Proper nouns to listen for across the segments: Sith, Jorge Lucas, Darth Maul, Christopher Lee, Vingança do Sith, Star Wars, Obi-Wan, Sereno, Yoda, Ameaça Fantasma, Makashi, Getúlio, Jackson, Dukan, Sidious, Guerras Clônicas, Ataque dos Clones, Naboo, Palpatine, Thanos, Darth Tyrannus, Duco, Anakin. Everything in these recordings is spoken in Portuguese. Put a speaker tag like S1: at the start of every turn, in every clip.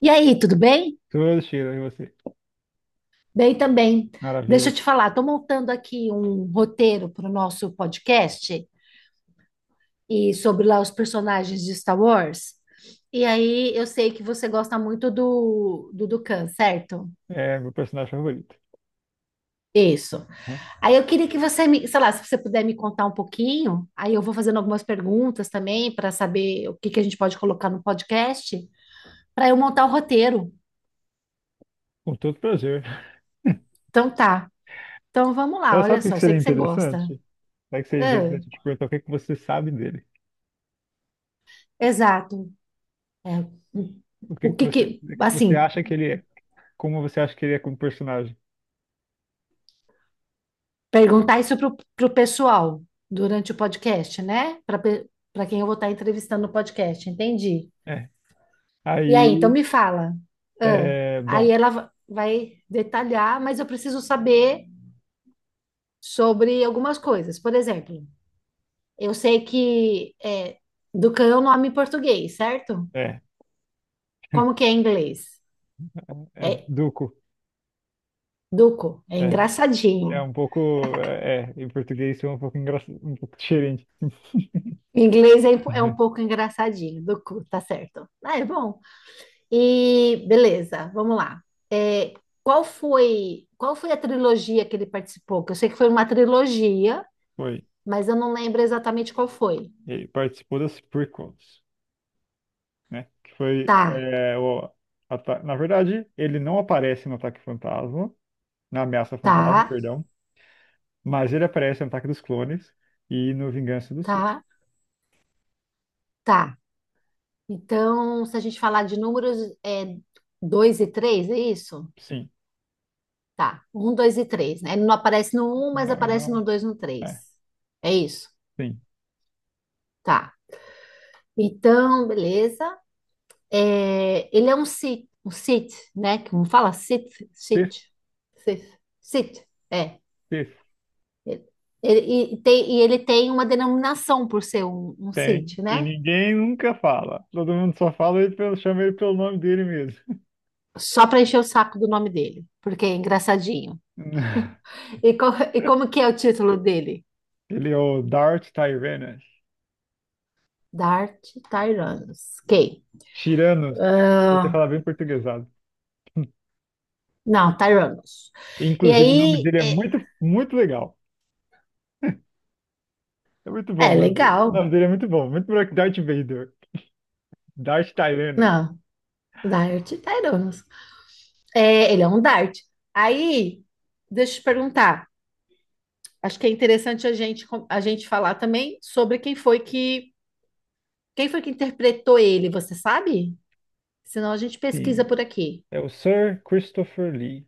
S1: E aí, tudo bem?
S2: Todo cheiro em você.
S1: Bem também. Deixa
S2: Maravilha.
S1: eu te falar, estou montando aqui um roteiro para o nosso podcast e sobre lá os personagens de Star Wars. E aí, eu sei que você gosta muito do Dukan, certo?
S2: É meu personagem favorito.
S1: Isso.
S2: Né?
S1: Aí eu queria que você me, sei lá, se você puder me contar um pouquinho, aí eu vou fazendo algumas perguntas também para saber o que que a gente pode colocar no podcast para eu montar o roteiro.
S2: Com todo prazer.
S1: Então tá. Então vamos lá,
S2: Mas
S1: olha
S2: sabe o que
S1: só,
S2: que
S1: eu sei
S2: seria
S1: que você
S2: interessante?
S1: gosta.
S2: Sabe o que seria interessante
S1: Ah,
S2: te perguntar o que que você sabe dele?
S1: exato. É. O que que,
S2: O que que você
S1: assim,
S2: acha que ele é? Como você acha que ele é como personagem?
S1: perguntar isso pro pessoal durante o podcast, né? Para quem eu vou estar entrevistando no podcast, entendi.
S2: É.
S1: E aí, então
S2: Aí,
S1: me fala. Ah, aí
S2: bom,
S1: ela vai detalhar, mas eu preciso saber sobre algumas coisas. Por exemplo, eu sei que é, Ducan é o nome em português, certo?
S2: é,
S1: Como que é em inglês?
S2: é
S1: É
S2: Duco.
S1: Duco, é
S2: É, é
S1: engraçadinho.
S2: um pouco, em português isso é um pouco engraçado, um pouco diferente.
S1: Em inglês é um pouco engraçadinho, Duco, tá certo. Ah, é bom. E beleza, vamos lá. É, qual foi a trilogia que ele participou? Que eu sei que foi uma trilogia,
S2: Foi.
S1: mas eu não lembro exatamente qual foi.
S2: Ele participou das prequels. Né? Que foi
S1: Tá,
S2: é, o ata- Na verdade, ele não aparece no Ataque Fantasma, na Ameaça Fantasma,
S1: tá,
S2: perdão, mas ele aparece no Ataque dos Clones e no Vingança do Sith.
S1: tá, tá. Então, se a gente falar de números, é 2 e 3, é isso?
S2: Sim.
S1: Tá, um, 2 e três, né? Ele não aparece no um, mas
S2: Não, ele
S1: aparece
S2: não.
S1: no 2 e no três.
S2: É,
S1: É isso?
S2: sim.
S1: Tá. Então, beleza. É, ele é um Sith, né? Como fala? Sith, Sith,
S2: Sith,
S1: Sith, Sith, é.
S2: Sith.
S1: Ele- e ele tem uma denominação por ser um
S2: Tem.
S1: Sith,
S2: E
S1: né?
S2: ninguém nunca fala. Todo mundo só fala ele chama ele pelo nome dele mesmo.
S1: Só para encher o saco do nome dele, porque é engraçadinho. E, co- e como que é o título dele?
S2: Ele é o Darth Tyrannus.
S1: Dart Tyrannus. Quem?
S2: Tiranos. Você
S1: Ah,
S2: fala bem portuguesado.
S1: não, Tyrannus. E
S2: Inclusive, o nome
S1: aí,
S2: dele é
S1: é,
S2: muito, muito legal. É muito bom
S1: é
S2: o nome dele. O
S1: legal.
S2: nome dele é muito bom. Muito melhor que Darth Vader. Darth Tyrannus.
S1: Não, Dart Tyrannus. É, ele é um Dart. Aí, deixa eu te perguntar. Acho que é interessante a gente falar também sobre quem foi que interpretou ele, você sabe? Senão a gente pesquisa
S2: Sim.
S1: por aqui.
S2: É o Sir Christopher Lee.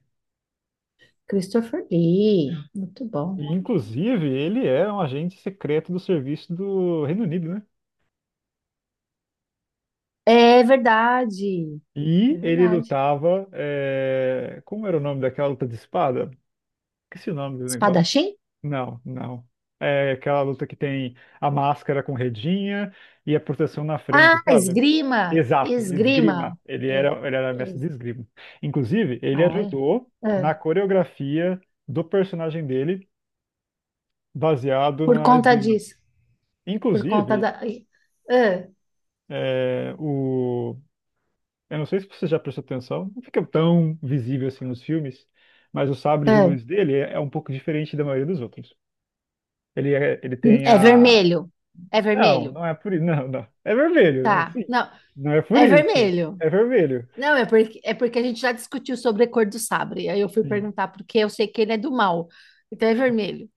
S1: Christopher Lee, muito bom.
S2: E, inclusive, ele é um agente secreto do serviço do Reino Unido, né?
S1: É verdade,
S2: E
S1: é
S2: ele
S1: verdade.
S2: lutava. Como era o nome daquela luta de espada? Esqueci o nome do negócio.
S1: Espadachim?
S2: Não, não. É aquela luta que tem a máscara com redinha e a proteção na frente,
S1: Ah,
S2: sabe?
S1: esgrima,
S2: Exato,
S1: esgrima.
S2: esgrima. Ele
S1: É,
S2: era, ele era mestre de
S1: es-
S2: esgrima. Inclusive, ele
S1: ai,
S2: ajudou
S1: é.
S2: na
S1: É,
S2: coreografia do personagem dele, baseado
S1: por
S2: na
S1: conta
S2: esgrima.
S1: disso, por conta
S2: Inclusive,
S1: da. Ai, É,
S2: é, o... eu não sei se você já prestou atenção, não fica tão visível assim nos filmes, mas o sabre de
S1: é.
S2: luz dele é um pouco diferente da maioria dos outros. Ele tem
S1: É
S2: a.
S1: vermelho, é
S2: Não,
S1: vermelho.
S2: não é por isso. Não, não. É vermelho,
S1: Tá,
S2: sim.
S1: não,
S2: Não é por
S1: é
S2: isso.
S1: vermelho.
S2: É vermelho.
S1: Não, é porque a gente já discutiu sobre a cor do sabre. Aí eu fui
S2: Sim.
S1: perguntar porque eu sei que ele é do mal. Então é vermelho.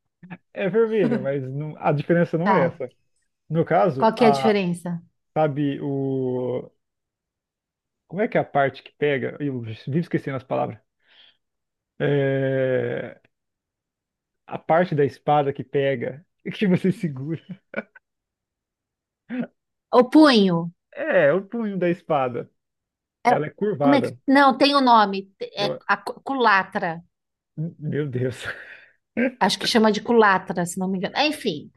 S2: É vermelho, mas a diferença não é
S1: Tá.
S2: essa. No caso,
S1: Qual que é a diferença?
S2: sabe, o. Como é que é a parte que pega? Eu vivo esquecendo as palavras. É, a parte da espada que pega, que você segura.
S1: O punho.
S2: É, o punho da espada.
S1: É,
S2: Ela é curvada.
S1: não, tem o nome. É
S2: Eu-
S1: a culatra.
S2: Meu Deus.
S1: Acho que chama de culatra, se não me engano. É, enfim.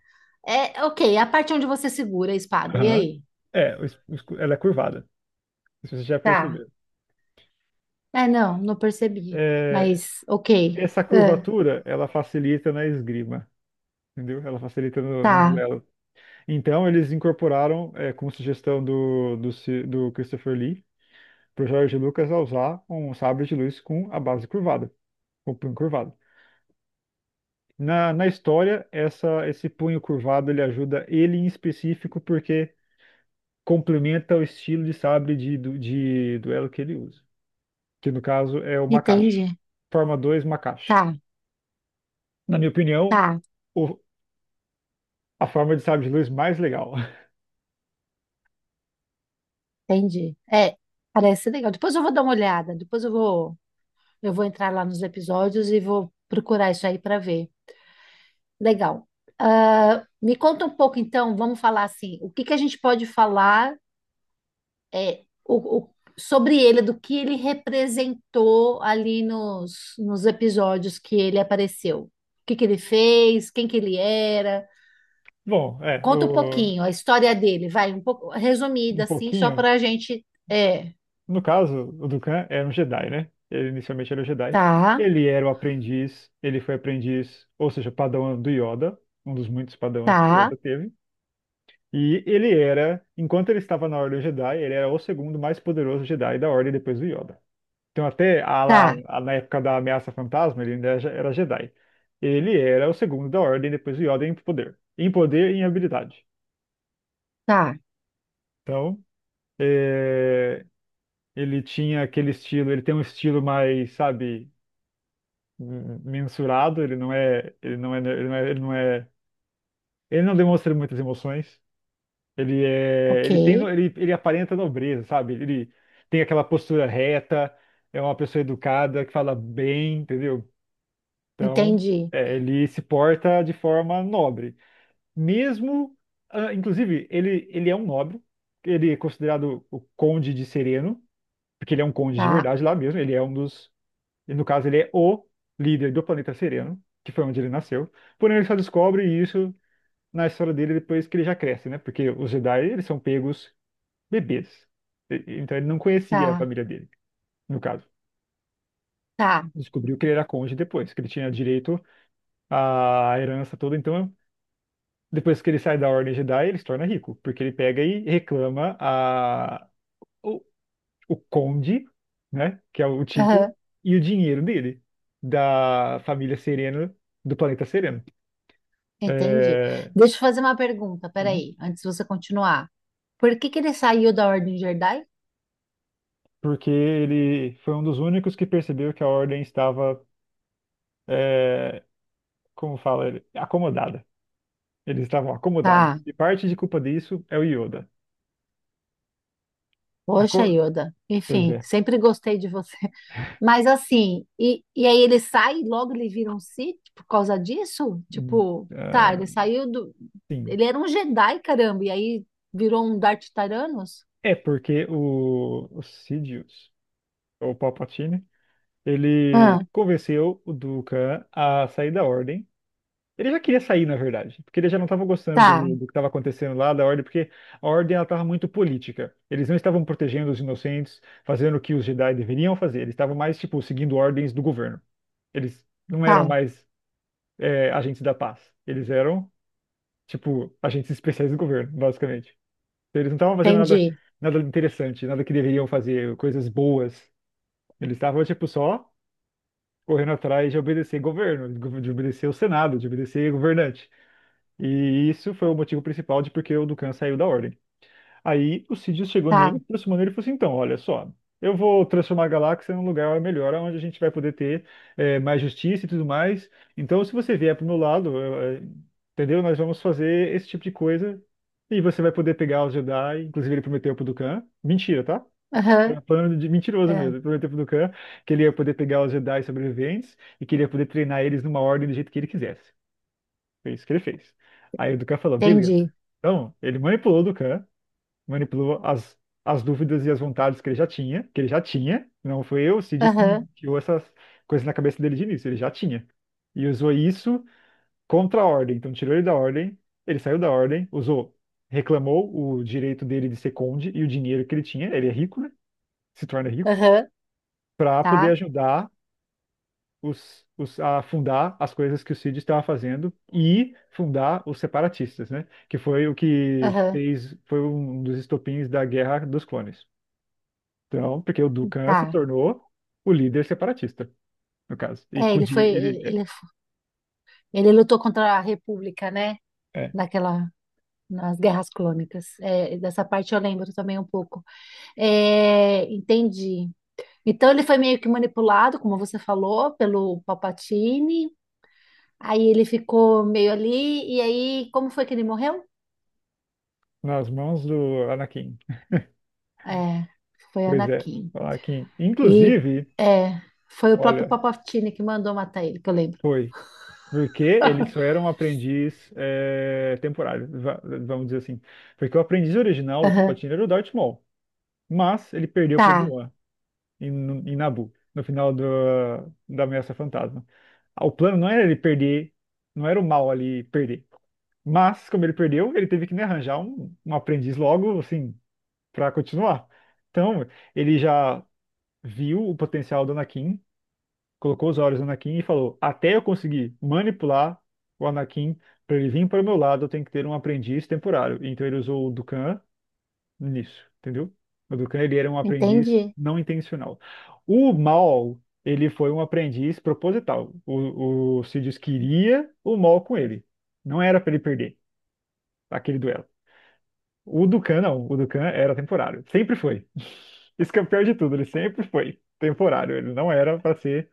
S1: É, ok, a parte onde você segura a espada. E
S2: Aham.
S1: aí?
S2: É, o es- o escu- Ela é curvada. Se você já
S1: Tá.
S2: percebeu.
S1: É, não, não percebi.
S2: É,
S1: Mas, ok.
S2: Essa
S1: É,
S2: curvatura, ela facilita na esgrima, entendeu? Ela facilita no
S1: tá.
S2: duelo. Então, eles incorporaram, com sugestão do Christopher Lee, para o Jorge Lucas a usar um sabre de luz com a base curvada, com o punho curvado. Na história, esse punho curvado, ele ajuda ele em específico porque complementa o estilo de sabre de duelo que ele usa, que no caso é o Makashi.
S1: Entendi.
S2: Forma 2 Makashi.
S1: Tá,
S2: Na minha opinião,
S1: tá.
S2: o- a forma de sabre de luz mais legal.
S1: Entendi. É, parece legal. Depois eu vou dar uma olhada. Eu vou entrar lá nos episódios e vou procurar isso aí para ver. Legal. Ah, me conta um pouco, então, vamos falar assim, o que que a gente pode falar sobre ele, do que ele representou ali nos episódios que ele apareceu. O que que ele fez, quem que ele era.
S2: Bom,
S1: Conta um pouquinho a história dele, vai, um pouco
S2: um
S1: resumida, assim, só
S2: pouquinho.
S1: para a gente. É,
S2: No caso, o Dukan era um Jedi, né? Ele inicialmente era um Jedi.
S1: tá,
S2: Ele era o aprendiz, ele foi aprendiz, ou seja, padawan do Yoda, um dos muitos padawans que
S1: tá,
S2: Yoda teve. E ele era, enquanto ele estava na Ordem Jedi, ele era o segundo mais poderoso Jedi da Ordem depois do Yoda. Então, até
S1: tá,
S2: na época da Ameaça Fantasma, ele ainda era Jedi. Ele era o segundo da Ordem depois do Yoda em poder, e em habilidade.
S1: tá,
S2: Então. é, Ele tinha aquele estilo, ele tem um estilo mais, sabe, mensurado, ele não demonstra muitas emoções. Ele é,
S1: ok,
S2: ele tem, no- ele aparenta nobreza, sabe? Ele tem aquela postura reta, é uma pessoa educada, que fala bem, entendeu? Então,
S1: entendi,
S2: ele se porta de forma nobre. Mesmo, inclusive, ele é um nobre, ele é considerado o conde de Sereno, porque ele é um conde de
S1: tá,
S2: verdade lá mesmo, ele é um dos. E no caso, ele é o líder do planeta Sereno, que foi onde ele nasceu. Porém, ele só descobre isso na história dele depois que ele já cresce, né? Porque os Jedi, eles são pegos bebês. Então, ele não conhecia a
S1: tá.
S2: família dele, no caso.
S1: Tá.
S2: Descobriu que ele era cônjuge depois, que ele tinha direito à herança toda. Então, depois que ele sai da Ordem Jedi, ele se torna rico, porque ele pega e reclama o, o conde, né? Que é o título,
S1: Aham,
S2: e o dinheiro dele, da família Sereno, do planeta Sereno.
S1: entendi.
S2: É,
S1: Deixa eu fazer uma pergunta,
S2: sim,
S1: peraí, antes de você continuar. Por que que ele saiu da Ordem Jedi?
S2: porque ele foi um dos únicos que percebeu que a ordem estava, é, como fala ele, acomodada. Eles estavam
S1: Tá,
S2: acomodados. E parte de culpa disso é o Yoda.
S1: poxa,
S2: Aco-
S1: Yoda.
S2: Pois
S1: Enfim,
S2: é.
S1: sempre gostei de você. Mas assim, e aí ele sai e logo ele vira um Sith por causa disso?
S2: Hum,
S1: Tipo, tá,
S2: ah,
S1: ele saiu do.
S2: sim.
S1: Ele era um Jedi, caramba, e aí virou um Darth Tyrannus?
S2: É porque o Sidious, ou Palpatine,
S1: Ah,
S2: ele convenceu o Dukan a sair da ordem. Ele já queria sair, na verdade, porque ele já não estava gostando
S1: tá,
S2: do que estava acontecendo lá, da Ordem, porque a Ordem ela estava muito política. Eles não estavam protegendo os inocentes, fazendo o que os Jedi deveriam fazer. Eles estavam mais, tipo, seguindo ordens do governo. Eles não eram
S1: tá,
S2: mais agentes da paz. Eles eram, tipo, agentes especiais do governo, basicamente. Então, eles não estavam fazendo nada,
S1: entendi.
S2: nada interessante, nada que deveriam fazer, coisas boas. Eles estavam, tipo, só correndo atrás de obedecer governo, de obedecer o Senado, de obedecer governante. E isso foi o motivo principal de porque o Dukan saiu da Ordem. Aí o Sidious chegou nele,
S1: Tá,
S2: aproximou nele e falou assim: então, olha só, eu vou transformar a galáxia num lugar melhor, onde a gente vai poder ter mais justiça e tudo mais. Então, se você vier pro meu lado, entendeu? Nós vamos fazer esse tipo de coisa e você vai poder pegar os Jedi. Inclusive, ele prometeu pro Dukan. Mentira, tá? Era
S1: aham,
S2: um plano de mentiroso
S1: é,
S2: mesmo. Ele prometeu pro Dukan que ele ia poder pegar os Jedi sobreviventes e que ele ia poder treinar eles numa ordem do jeito que ele quisesse. Foi isso que ele fez. Aí o Dukan falou, beleza.
S1: entendi.
S2: Então, ele manipulou o Dukan, manipulou as dúvidas e as vontades que ele já tinha, que ele já tinha. Não foi eu, o Sidious, que
S1: Aham,
S2: tirou essas coisas na cabeça dele de início, ele já tinha. E usou isso contra a ordem. Então, tirou ele da ordem, ele saiu da ordem, usou, reclamou o direito dele de ser conde e o dinheiro que ele tinha, ele é rico, né? Se torna rico,
S1: aham,
S2: para poder
S1: tá,
S2: ajudar a fundar as coisas que o Cid estava fazendo e fundar os separatistas, né? Que foi o que
S1: aham,
S2: fez, foi um dos estopins da Guerra dos Clones. Então, porque o Dukan se
S1: tá.
S2: tornou o líder separatista, no caso. E
S1: É,
S2: com o
S1: ele
S2: di-
S1: foi, ele,
S2: ele
S1: ele lutou contra a República, né?
S2: é, é,
S1: Naquela, nas Guerras Clônicas. É, dessa parte eu lembro também um pouco. É, entendi. Então ele foi meio que manipulado, como você falou, pelo Palpatine. Aí ele ficou meio ali. E aí, como foi que ele morreu?
S2: nas mãos do Anakin.
S1: É, foi
S2: Pois é,
S1: Anakin.
S2: o Anakin.
S1: E
S2: Inclusive,
S1: é, foi o próprio
S2: olha,
S1: Palpatine que mandou matar ele, que eu lembro.
S2: foi. Porque ele só era um aprendiz temporário, vamos dizer assim. Porque o aprendiz original do
S1: Aham.
S2: Palpatine era o Darth Maul. Mas ele perdeu para o
S1: Tá,
S2: Obi-Wan em Naboo, no final da Ameaça Fantasma. Ah, o plano não era ele perder, não era o mal ali perder. Mas, como ele perdeu, ele teve que, né, arranjar um, um aprendiz logo, assim, para continuar. Então, ele já viu o potencial do Anakin, colocou os olhos no Anakin e falou: Até eu conseguir manipular o Anakin para ele vir para o meu lado, eu tenho que ter um aprendiz temporário. Então, ele usou o Dukan nisso, entendeu? O Dukan, ele era um aprendiz
S1: entendi.
S2: não intencional. O Mal, ele foi um aprendiz proposital. O Sidious queria o Mal com ele. Não era para ele perder aquele duelo. O Dukan, não. O Dukan era temporário. Sempre foi. Isso que é o pior de tudo, ele sempre foi temporário. Ele não era para ser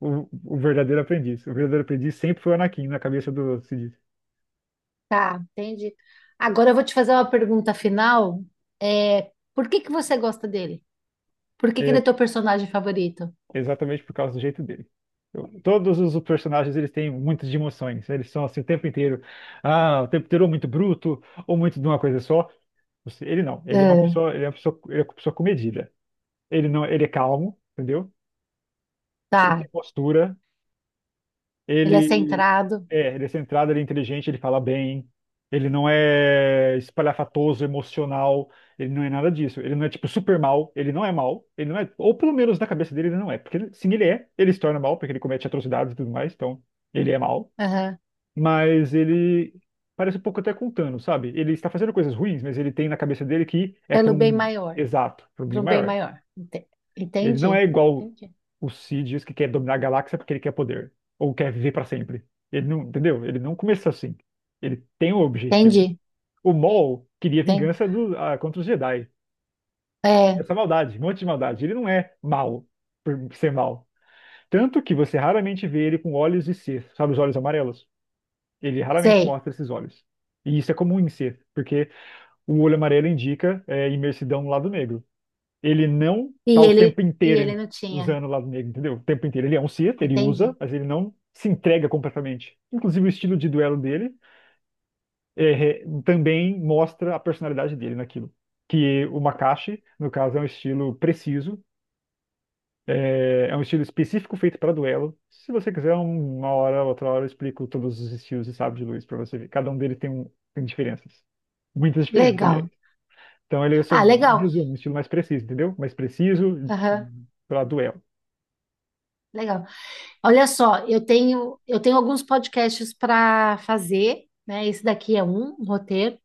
S2: o verdadeiro aprendiz. O verdadeiro aprendiz sempre foi o Anakin na cabeça do Sidious.
S1: Tá, entendi. Agora eu vou te fazer uma pergunta final. É, por que que você gosta dele? Por que que ele é teu personagem favorito?
S2: Exatamente por causa do jeito dele. Todos os personagens eles têm muitas de emoções. Eles são assim o tempo inteiro. Ah, o tempo inteiro ou muito bruto ou muito de uma coisa só. Ele não.
S1: Ah,
S2: Ele é uma pessoa comedida. Ele não. Ele é calmo, entendeu? Ele tem
S1: tá,
S2: postura.
S1: ele é
S2: Ele
S1: centrado,
S2: ele é centrado, ele é inteligente, ele fala bem. Ele não é espalhafatoso, emocional. Ele não é nada disso. Ele não é tipo super mal. Ele não é mal. Ele não é, ou pelo menos na cabeça dele ele não é, porque sim, ele é. Ele se torna mal porque ele comete atrocidades e tudo mais. Então ele é mal.
S1: aham,
S2: Mas ele parece um pouco até com o Thanos, sabe? Ele está fazendo coisas ruins, mas ele tem na cabeça dele que é para
S1: pelo bem
S2: um,
S1: maior,
S2: exato, para um bem
S1: para um bem
S2: maior.
S1: maior.
S2: Ele não é
S1: Entendi,
S2: igual
S1: entendi,
S2: o Sidious que quer dominar a galáxia porque ele quer poder ou quer viver pra sempre. Ele não, entendeu? Ele não começou assim. Ele tem um objetivo.
S1: entendi,
S2: O Maul queria
S1: entendi.
S2: vingança ah, contra os Jedi.
S1: É,
S2: Essa maldade, um monte de maldade. Ele não é mau por ser mau. Tanto que você raramente vê ele com olhos de Sith, sabe, os olhos amarelos. Ele raramente
S1: sei.
S2: mostra esses olhos. E isso é comum em Sith, porque o olho amarelo indica imersidão no lado negro. Ele não
S1: E
S2: tá o
S1: ele,
S2: tempo
S1: e
S2: inteiro
S1: ele não tinha.
S2: usando o lado negro, entendeu? O tempo inteiro. Ele é um Sith, ele usa,
S1: Entendi.
S2: mas ele não se entrega completamente. Inclusive, o estilo de duelo dele também mostra a personalidade dele naquilo. Que o Makashi, no caso, é um estilo preciso, é um estilo específico feito para duelo. Se você quiser, uma hora, outra hora, eu explico todos os estilos e sabres de luz para você ver. Cada um deles tem diferenças. Muitas diferenças, aliás.
S1: Legal.
S2: Então, ele é o
S1: Ah,
S2: seu
S1: legal.
S2: resumo, um estilo mais preciso, entendeu? Mais preciso
S1: Aham,
S2: para duelo.
S1: legal. Olha só, eu tenho alguns podcasts para fazer, né? Esse daqui é um roteiro.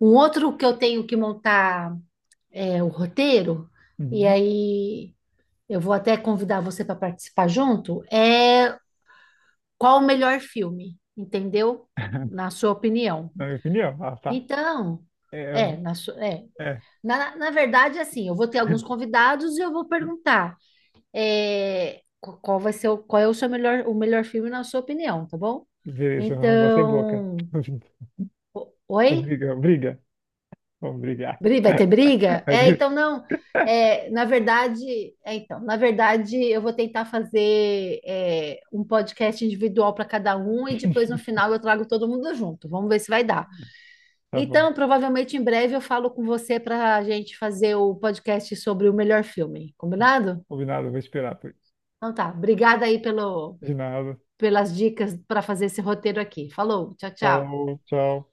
S1: Um outro que eu tenho que montar é o roteiro, e
S2: Uhum.
S1: aí eu vou até convidar você para participar junto, é qual o melhor filme, entendeu? Na sua opinião.
S2: Na minha opinião, ah, tá.
S1: Então,
S2: É,
S1: é, na, su- é.
S2: é.
S1: Na verdade, assim, eu vou ter alguns convidados e eu vou perguntar qual vai ser qual é o melhor filme na sua opinião, tá bom?
S2: Beleza, vamos bater boca.
S1: Então, oi?
S2: Briga, briga. Vamos brigar.
S1: Vai ter
S2: Mas
S1: briga? É,
S2: beleza.
S1: então não. Então, na verdade, eu vou tentar fazer um podcast individual para cada um e depois no final eu trago todo mundo junto. Vamos ver se vai dar.
S2: Tá bom.
S1: Então, provavelmente em breve eu falo com você para a gente fazer o podcast sobre o melhor filme, combinado?
S2: Combinado, vou esperar por isso.
S1: Então tá. Obrigada aí
S2: De nada.
S1: pelas dicas para fazer esse roteiro aqui. Falou, tchau, tchau.
S2: Falou, tchau.